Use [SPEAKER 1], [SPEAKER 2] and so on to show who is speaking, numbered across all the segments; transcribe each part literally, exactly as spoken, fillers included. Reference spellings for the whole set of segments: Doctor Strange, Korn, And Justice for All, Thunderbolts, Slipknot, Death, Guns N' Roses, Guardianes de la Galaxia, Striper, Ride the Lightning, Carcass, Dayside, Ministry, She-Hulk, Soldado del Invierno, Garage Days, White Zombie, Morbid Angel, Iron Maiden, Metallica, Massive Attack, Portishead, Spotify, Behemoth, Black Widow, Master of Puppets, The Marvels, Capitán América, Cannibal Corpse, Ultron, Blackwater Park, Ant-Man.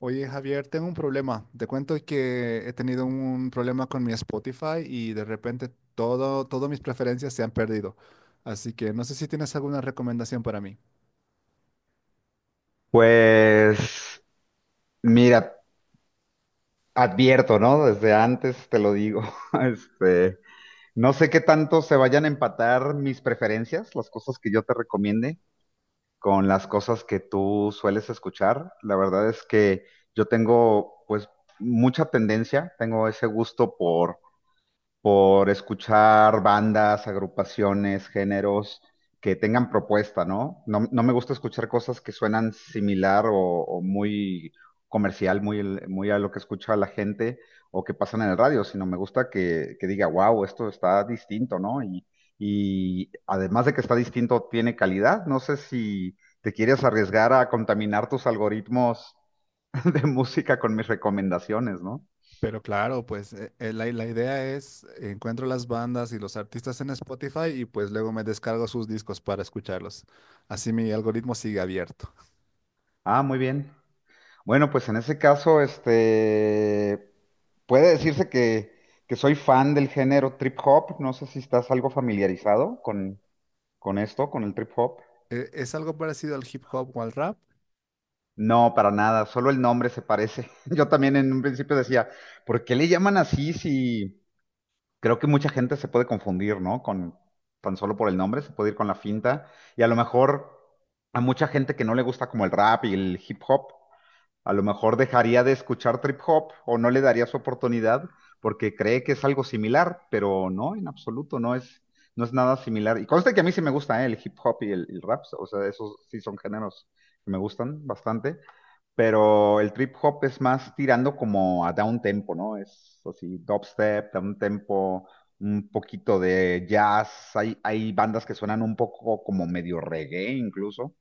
[SPEAKER 1] Oye, Javier, tengo un problema. Te cuento que he tenido un problema con mi Spotify y de repente todo, todas mis preferencias se han perdido. Así que no sé si tienes alguna recomendación para mí.
[SPEAKER 2] Pues mira, advierto, ¿no? Desde antes te lo digo. Este, no sé qué tanto se vayan a empatar mis preferencias, las cosas que yo te recomiende, con las cosas que tú sueles escuchar. La verdad es que yo tengo, pues, mucha tendencia, tengo ese gusto por. por escuchar bandas, agrupaciones, géneros que tengan propuesta, ¿no? No, no me gusta escuchar cosas que suenan similar o, o muy comercial, muy, el- muy a lo que escucha la gente o que pasan en el radio, sino me gusta que, que diga, wow, esto está distinto, ¿no? Y, y además de que está distinto, tiene calidad. No sé si te quieres arriesgar a contaminar tus algoritmos de música con mis recomendaciones, ¿no?
[SPEAKER 1] Pero claro, pues eh, eh, la, la idea es encuentro las bandas y los artistas en Spotify y pues luego me descargo sus discos para escucharlos. Así mi algoritmo sigue abierto.
[SPEAKER 2] Ah, muy bien. Bueno, pues en ese caso, este, puede decirse que, que soy fan del género trip hop. No sé si estás algo familiarizado con, con esto, con el trip hop.
[SPEAKER 1] Eh, ¿Es algo parecido al hip hop o al rap?
[SPEAKER 2] No, para nada, solo el nombre se parece. Yo también en un principio decía, ¿por qué le llaman así si creo que mucha gente se puede confundir, ¿no? Con tan solo por el nombre, se puede ir con la finta. Y a lo mejor a mucha gente que no le gusta como el rap y el hip hop. A lo mejor dejaría de escuchar trip hop o no le daría su oportunidad porque cree que es algo similar, pero no, en absoluto, no es, no es nada similar. Y conste que a mí sí me gusta, ¿eh? El hip hop y el, el rap, o sea, esos sí son géneros que me gustan bastante, pero el trip hop es más tirando como a down tempo, ¿no? Es así, dubstep, down tempo, un poquito de jazz. Hay, hay bandas que suenan un poco como medio reggae incluso.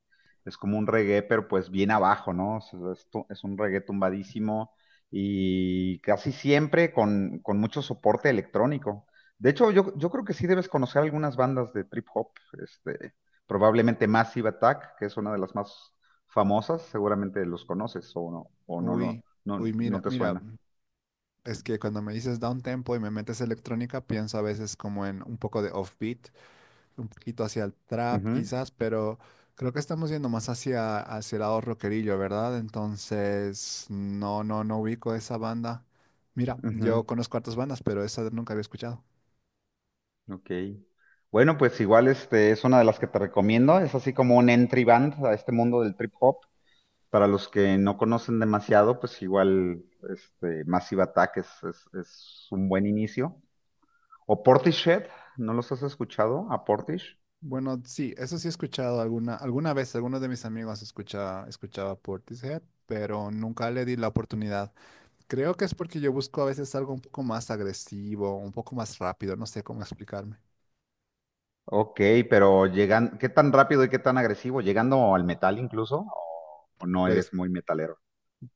[SPEAKER 2] Es como un reggae, pero pues bien abajo, ¿no? O sea, es, tu- es un reggae tumbadísimo y casi siempre con, con mucho soporte electrónico. De hecho, yo, yo creo que sí debes conocer algunas bandas de trip hop, este, probablemente Massive Attack, que es una de las más famosas, seguramente los conoces o no, o no, lo-
[SPEAKER 1] Uy,
[SPEAKER 2] no,
[SPEAKER 1] uy,
[SPEAKER 2] no
[SPEAKER 1] mira,
[SPEAKER 2] te
[SPEAKER 1] mira.
[SPEAKER 2] suena.
[SPEAKER 1] Es que cuando me dices down tempo y me metes electrónica, pienso a veces como en un poco de offbeat, un poquito hacia el trap
[SPEAKER 2] Ujú,
[SPEAKER 1] quizás, pero creo que estamos yendo más hacia, hacia el lado rockerillo, ¿verdad? Entonces, no, no, no ubico esa banda. Mira,
[SPEAKER 2] ujú,
[SPEAKER 1] yo conozco hartas bandas, pero esa nunca había escuchado.
[SPEAKER 2] ok. Bueno, pues igual este es una de las que te recomiendo. Es así como un entry band a este mundo del trip hop. Para los que no conocen demasiado, pues igual este Massive Attack es, es- es un buen inicio. O Portishead, ¿no los has escuchado? A Portish.
[SPEAKER 1] Bueno, sí, eso sí he escuchado alguna, alguna vez, algunos de mis amigos escucha, escuchaba Portishead, pero nunca le di la oportunidad. Creo que es porque yo busco a veces algo un poco más agresivo, un poco más rápido, no sé cómo explicarme.
[SPEAKER 2] Ok, pero llegan, ¿qué tan rápido y qué tan agresivo? ¿Llegando al metal incluso? ¿O, o no
[SPEAKER 1] Pues,
[SPEAKER 2] eres muy metalero?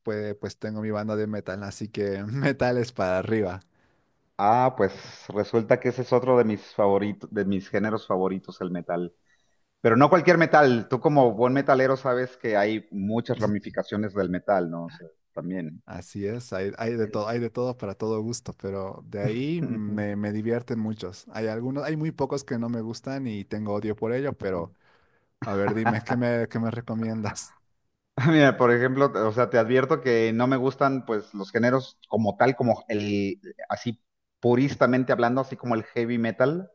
[SPEAKER 1] pues, pues tengo mi banda de metal, así que metal es para arriba.
[SPEAKER 2] Ah, pues resulta que ese es otro de mis favoritos, de mis géneros favoritos, el metal. Pero no cualquier metal. Tú como buen metalero sabes que hay muchas ramificaciones del metal, ¿no? O sea, también.
[SPEAKER 1] Así es, hay, hay de todo, hay de todo para todo gusto, pero de ahí
[SPEAKER 2] Ujú,
[SPEAKER 1] me, me divierten muchos. Hay algunos, hay muy pocos que no me gustan y tengo odio por ello,
[SPEAKER 2] ujú.
[SPEAKER 1] pero a ver, dime, ¿qué me, qué me recomiendas?
[SPEAKER 2] Mira, por ejemplo, o sea, te advierto que no me gustan pues los géneros como tal, como el, así puristamente hablando, así como el heavy metal,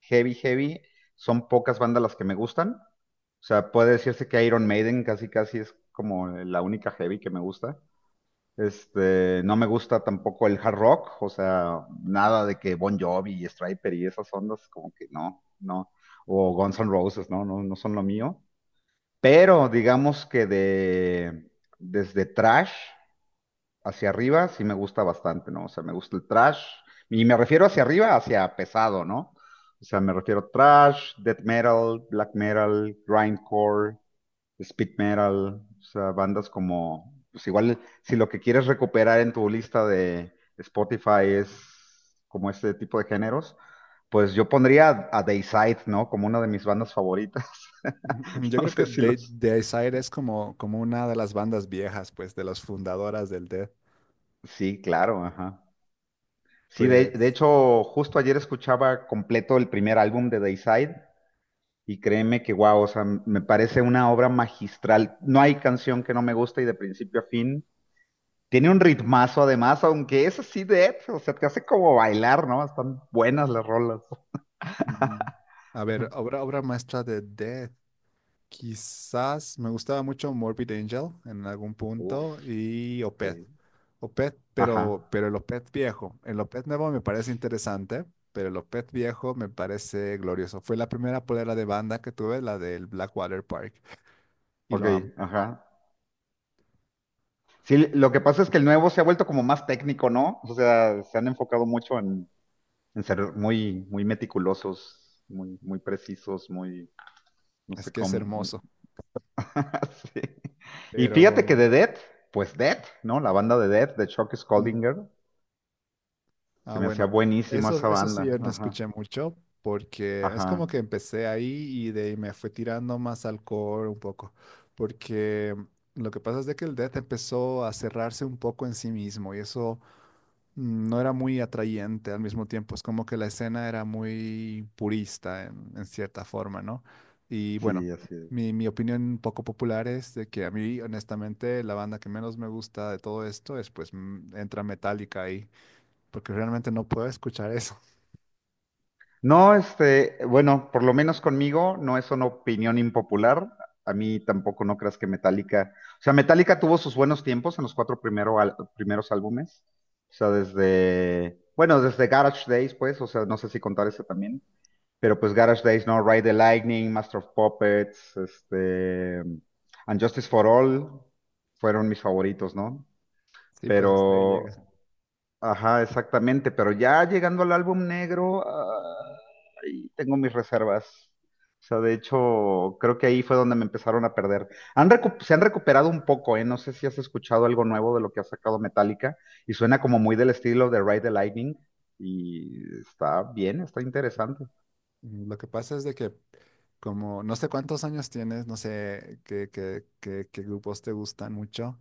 [SPEAKER 2] heavy, heavy, son pocas bandas las que me gustan. O sea, puede decirse que Iron Maiden casi, casi es como la única heavy que me gusta. Este, no me gusta tampoco el hard rock, o sea, nada de que Bon Jovi y Striper y esas ondas, como que no, no. O Guns N' Roses, no, no, no son lo mío. Pero digamos que de desde trash hacia arriba sí me gusta bastante, ¿no? O sea, me gusta el trash. Y me refiero hacia arriba, hacia pesado, ¿no? O sea, me refiero a trash, death metal, black metal, grindcore, speed metal, o sea, bandas como, pues igual, si lo que quieres recuperar en tu lista de Spotify es como este tipo de géneros, pues yo pondría a Dayside, ¿no? Como una de mis bandas favoritas.
[SPEAKER 1] Mm, mm, Yo
[SPEAKER 2] No
[SPEAKER 1] creo
[SPEAKER 2] sé
[SPEAKER 1] que
[SPEAKER 2] si
[SPEAKER 1] The, The
[SPEAKER 2] los...
[SPEAKER 1] Desire es como, como una de las bandas viejas, pues, de las fundadoras del Death.
[SPEAKER 2] Sí, claro, ajá. Sí, de, de
[SPEAKER 1] Pues
[SPEAKER 2] hecho, justo ayer escuchaba completo el primer álbum de Dayside y créeme que, wow, o sea, me parece una obra magistral. No hay canción que no me guste y de principio a fin tiene un ritmazo además, aunque es así de Ed, o sea, te hace como bailar, ¿no? Están buenas las rolas.
[SPEAKER 1] Mm, A ver, obra, obra maestra de Death. Quizás me gustaba mucho Morbid Angel en algún punto
[SPEAKER 2] Uf,
[SPEAKER 1] y Opeth.
[SPEAKER 2] sí.
[SPEAKER 1] Opeth,
[SPEAKER 2] Ajá,
[SPEAKER 1] pero, pero el Opeth viejo. El Opeth nuevo me parece interesante, pero el Opeth viejo me parece glorioso. Fue la primera polera de banda que tuve, la del Blackwater Park, y
[SPEAKER 2] ok,
[SPEAKER 1] lo amo.
[SPEAKER 2] ajá. Sí, lo que pasa es que el nuevo se ha vuelto como más técnico, ¿no? O sea, se han enfocado mucho en, en ser muy, muy meticulosos, muy, muy precisos, muy, no
[SPEAKER 1] Es
[SPEAKER 2] sé
[SPEAKER 1] que es
[SPEAKER 2] cómo.
[SPEAKER 1] hermoso.
[SPEAKER 2] Sí. Y fíjate que
[SPEAKER 1] Pero,
[SPEAKER 2] de death pues death, ¿no? La banda de death de Chuck
[SPEAKER 1] mm,
[SPEAKER 2] Scoldinger, se
[SPEAKER 1] Ah,
[SPEAKER 2] me hacía
[SPEAKER 1] bueno,
[SPEAKER 2] buenísima
[SPEAKER 1] eso,
[SPEAKER 2] esa
[SPEAKER 1] eso sí
[SPEAKER 2] banda.
[SPEAKER 1] yo no
[SPEAKER 2] Ajá,
[SPEAKER 1] escuché mucho porque es como
[SPEAKER 2] ajá,
[SPEAKER 1] que empecé ahí y de ahí me fue tirando más al core un poco, porque lo que pasa es de que el death empezó a cerrarse un poco en sí mismo y eso mm, no era muy atrayente al mismo tiempo, es como que la escena era muy purista en, en cierta forma, ¿no? Y bueno,
[SPEAKER 2] sí, así es.
[SPEAKER 1] mi, mi opinión poco popular es de que a mí honestamente la banda que menos me gusta de todo esto es pues mm, entra Metallica ahí porque realmente no puedo escuchar eso.
[SPEAKER 2] No, este, bueno, por lo menos conmigo no es una opinión impopular. A mí tampoco no creas que Metallica, o sea, Metallica tuvo sus buenos tiempos en los cuatro primero al- primeros álbumes. O sea, desde, bueno, desde Garage Days, pues, o sea, no sé si contar ese también, pero pues Garage Days, ¿no? Ride the Lightning, Master of Puppets, este, And Justice for All fueron mis favoritos, ¿no?
[SPEAKER 1] Sí, pues hasta ahí
[SPEAKER 2] Pero
[SPEAKER 1] llega.
[SPEAKER 2] ajá, exactamente, pero ya llegando al álbum negro, ahí tengo mis reservas. O sea, de hecho, creo que ahí fue donde me empezaron a perder. Han recu- se han recuperado un poco, ¿eh? No sé si has escuchado algo nuevo de lo que ha sacado Metallica y suena como muy del estilo de Ride the Lightning y está bien, está interesante.
[SPEAKER 1] Mm, Lo que pasa es de que como no sé cuántos años tienes, no sé qué, qué, qué, qué grupos te gustan mucho,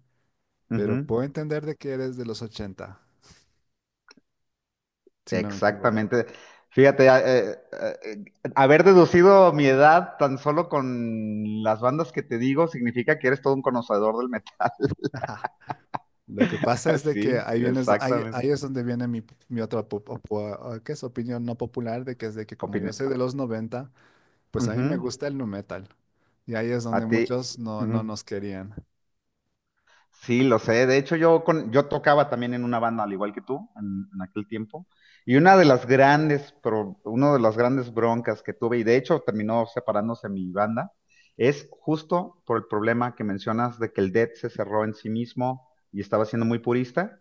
[SPEAKER 1] pero
[SPEAKER 2] Ujú,
[SPEAKER 1] puedo entender de que eres de los ochenta si no me equivoco.
[SPEAKER 2] exactamente. Fíjate, a- eh, eh, haber deducido mi edad tan solo con las bandas que te digo significa que eres todo un conocedor del metal.
[SPEAKER 1] Ajá. Lo que pasa es de que
[SPEAKER 2] Sí,
[SPEAKER 1] ahí vienes, ahí,
[SPEAKER 2] exactamente.
[SPEAKER 1] ahí es donde viene mi, mi otra po- po- ¿qué es? Opinión no popular de que es de que como yo
[SPEAKER 2] Opini-
[SPEAKER 1] soy de los noventa pues a mí me
[SPEAKER 2] Ujú.
[SPEAKER 1] gusta el nu metal. Y ahí es
[SPEAKER 2] A
[SPEAKER 1] donde
[SPEAKER 2] ti.
[SPEAKER 1] muchos no,
[SPEAKER 2] Ujú.
[SPEAKER 1] no nos querían.
[SPEAKER 2] Sí, lo sé. De hecho, yo, con, yo tocaba también en una banda, al igual que tú, en, en aquel tiempo. Y una de las grandes, pro- uno de las grandes broncas que tuve, y de hecho terminó separándose mi banda, es justo por el problema que mencionas de que el Dead se cerró en sí mismo y estaba siendo muy purista.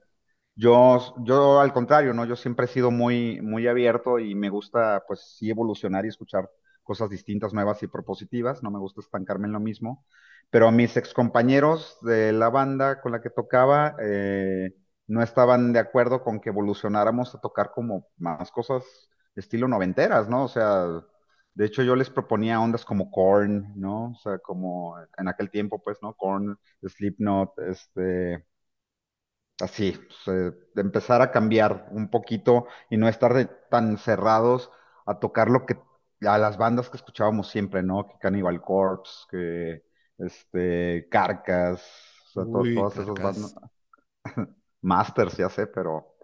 [SPEAKER 2] Yo, yo al contrario, ¿no? Yo siempre he sido muy, muy abierto y me gusta, pues sí, evolucionar y escuchar cosas distintas, nuevas y propositivas. No me gusta estancarme en lo mismo. Pero mis excompañeros de la banda con la que tocaba eh, no estaban de acuerdo con que evolucionáramos a tocar como más cosas estilo noventeras, ¿no? O sea, de hecho yo les proponía ondas como Korn, ¿no? O sea, como en aquel tiempo, pues, ¿no? Korn, Slipknot, este así, pues, eh, de empezar a cambiar un poquito y no estar de- tan cerrados a tocar lo que, a las bandas que escuchábamos siempre, ¿no? Que Cannibal Corpse, que este, Carcass, o sea, to-
[SPEAKER 1] Uy,
[SPEAKER 2] todas esas bandas,
[SPEAKER 1] carcas.
[SPEAKER 2] Masters, ya sé, pero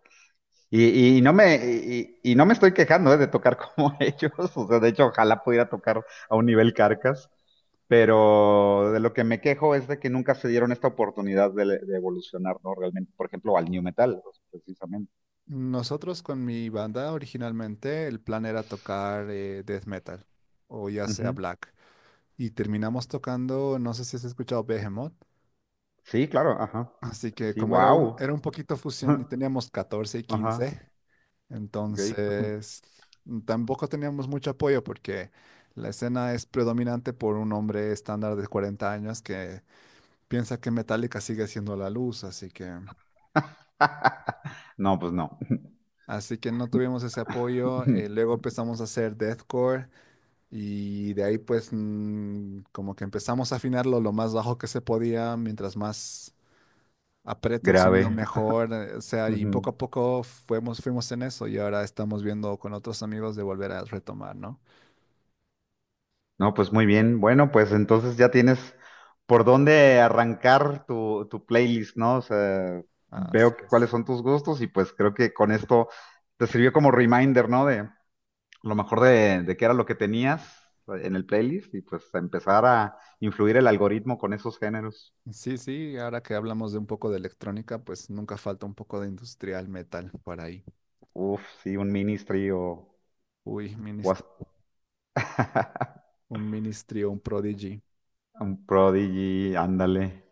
[SPEAKER 2] y, y no me, y, y no me estoy quejando, eh, de tocar como ellos. O sea, de hecho, ojalá pudiera tocar a un nivel Carcas. Pero de lo que me quejo es de que nunca se dieron esta oportunidad de, de evolucionar, ¿no? Realmente, por ejemplo, al New Metal, pues, precisamente.
[SPEAKER 1] Nosotros con mi banda originalmente el plan era tocar eh, death metal o ya sea
[SPEAKER 2] Ujú.
[SPEAKER 1] black y terminamos tocando, no sé si has escuchado Behemoth,
[SPEAKER 2] Sí, claro, ajá.
[SPEAKER 1] así que
[SPEAKER 2] Sí,
[SPEAKER 1] como era un,
[SPEAKER 2] wow.
[SPEAKER 1] era un poquito fusión y teníamos catorce y
[SPEAKER 2] Ajá,
[SPEAKER 1] quince
[SPEAKER 2] ok.
[SPEAKER 1] entonces mm, tampoco teníamos mucho apoyo porque la escena es predominante por un hombre estándar de cuarenta años que piensa que Metallica sigue siendo la luz, así que,
[SPEAKER 2] No, pues no.
[SPEAKER 1] así que no tuvimos ese apoyo, eh, luego empezamos a hacer deathcore. Y de ahí pues mm, como que empezamos a afinarlo lo más bajo que se podía, mientras más aprieto el sonido
[SPEAKER 2] Grave.
[SPEAKER 1] mejor, eh, o sea, y
[SPEAKER 2] Ujú.
[SPEAKER 1] poco a poco fuimos, fuimos en eso y ahora estamos viendo con otros amigos de volver a retomar, ¿no?
[SPEAKER 2] No, pues muy bien. Bueno, pues entonces ya tienes por dónde arrancar tu, tu playlist, ¿no? O sea, veo
[SPEAKER 1] Así
[SPEAKER 2] que- cuáles
[SPEAKER 1] es.
[SPEAKER 2] son tus gustos y pues creo que con esto te sirvió como reminder, ¿no? De lo mejor de, de qué era lo que tenías en el playlist y pues a empezar a influir el algoritmo con esos géneros.
[SPEAKER 1] Sí, sí, ahora que hablamos de un poco de electrónica, pues nunca falta un poco de industrial metal por ahí.
[SPEAKER 2] Uf, sí, un Ministry o,
[SPEAKER 1] Uy,
[SPEAKER 2] o
[SPEAKER 1] ministro,
[SPEAKER 2] hasta
[SPEAKER 1] un ministry o un prodigy.
[SPEAKER 2] un Prodigy, ándale.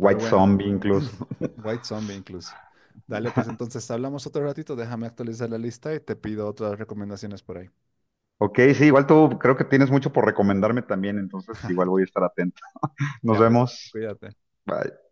[SPEAKER 1] Pero bueno,
[SPEAKER 2] Zombie incluso.
[SPEAKER 1] White Zombie incluso. Dale, pues entonces hablamos otro ratito, déjame actualizar la lista y te pido otras recomendaciones por ahí.
[SPEAKER 2] Ok, sí, igual tú creo que tienes mucho por recomendarme también, entonces igual voy
[SPEAKER 1] Aquí
[SPEAKER 2] a
[SPEAKER 1] está.
[SPEAKER 2] estar atento. Nos
[SPEAKER 1] Ya pues,
[SPEAKER 2] vemos.
[SPEAKER 1] cuídate.
[SPEAKER 2] Bye.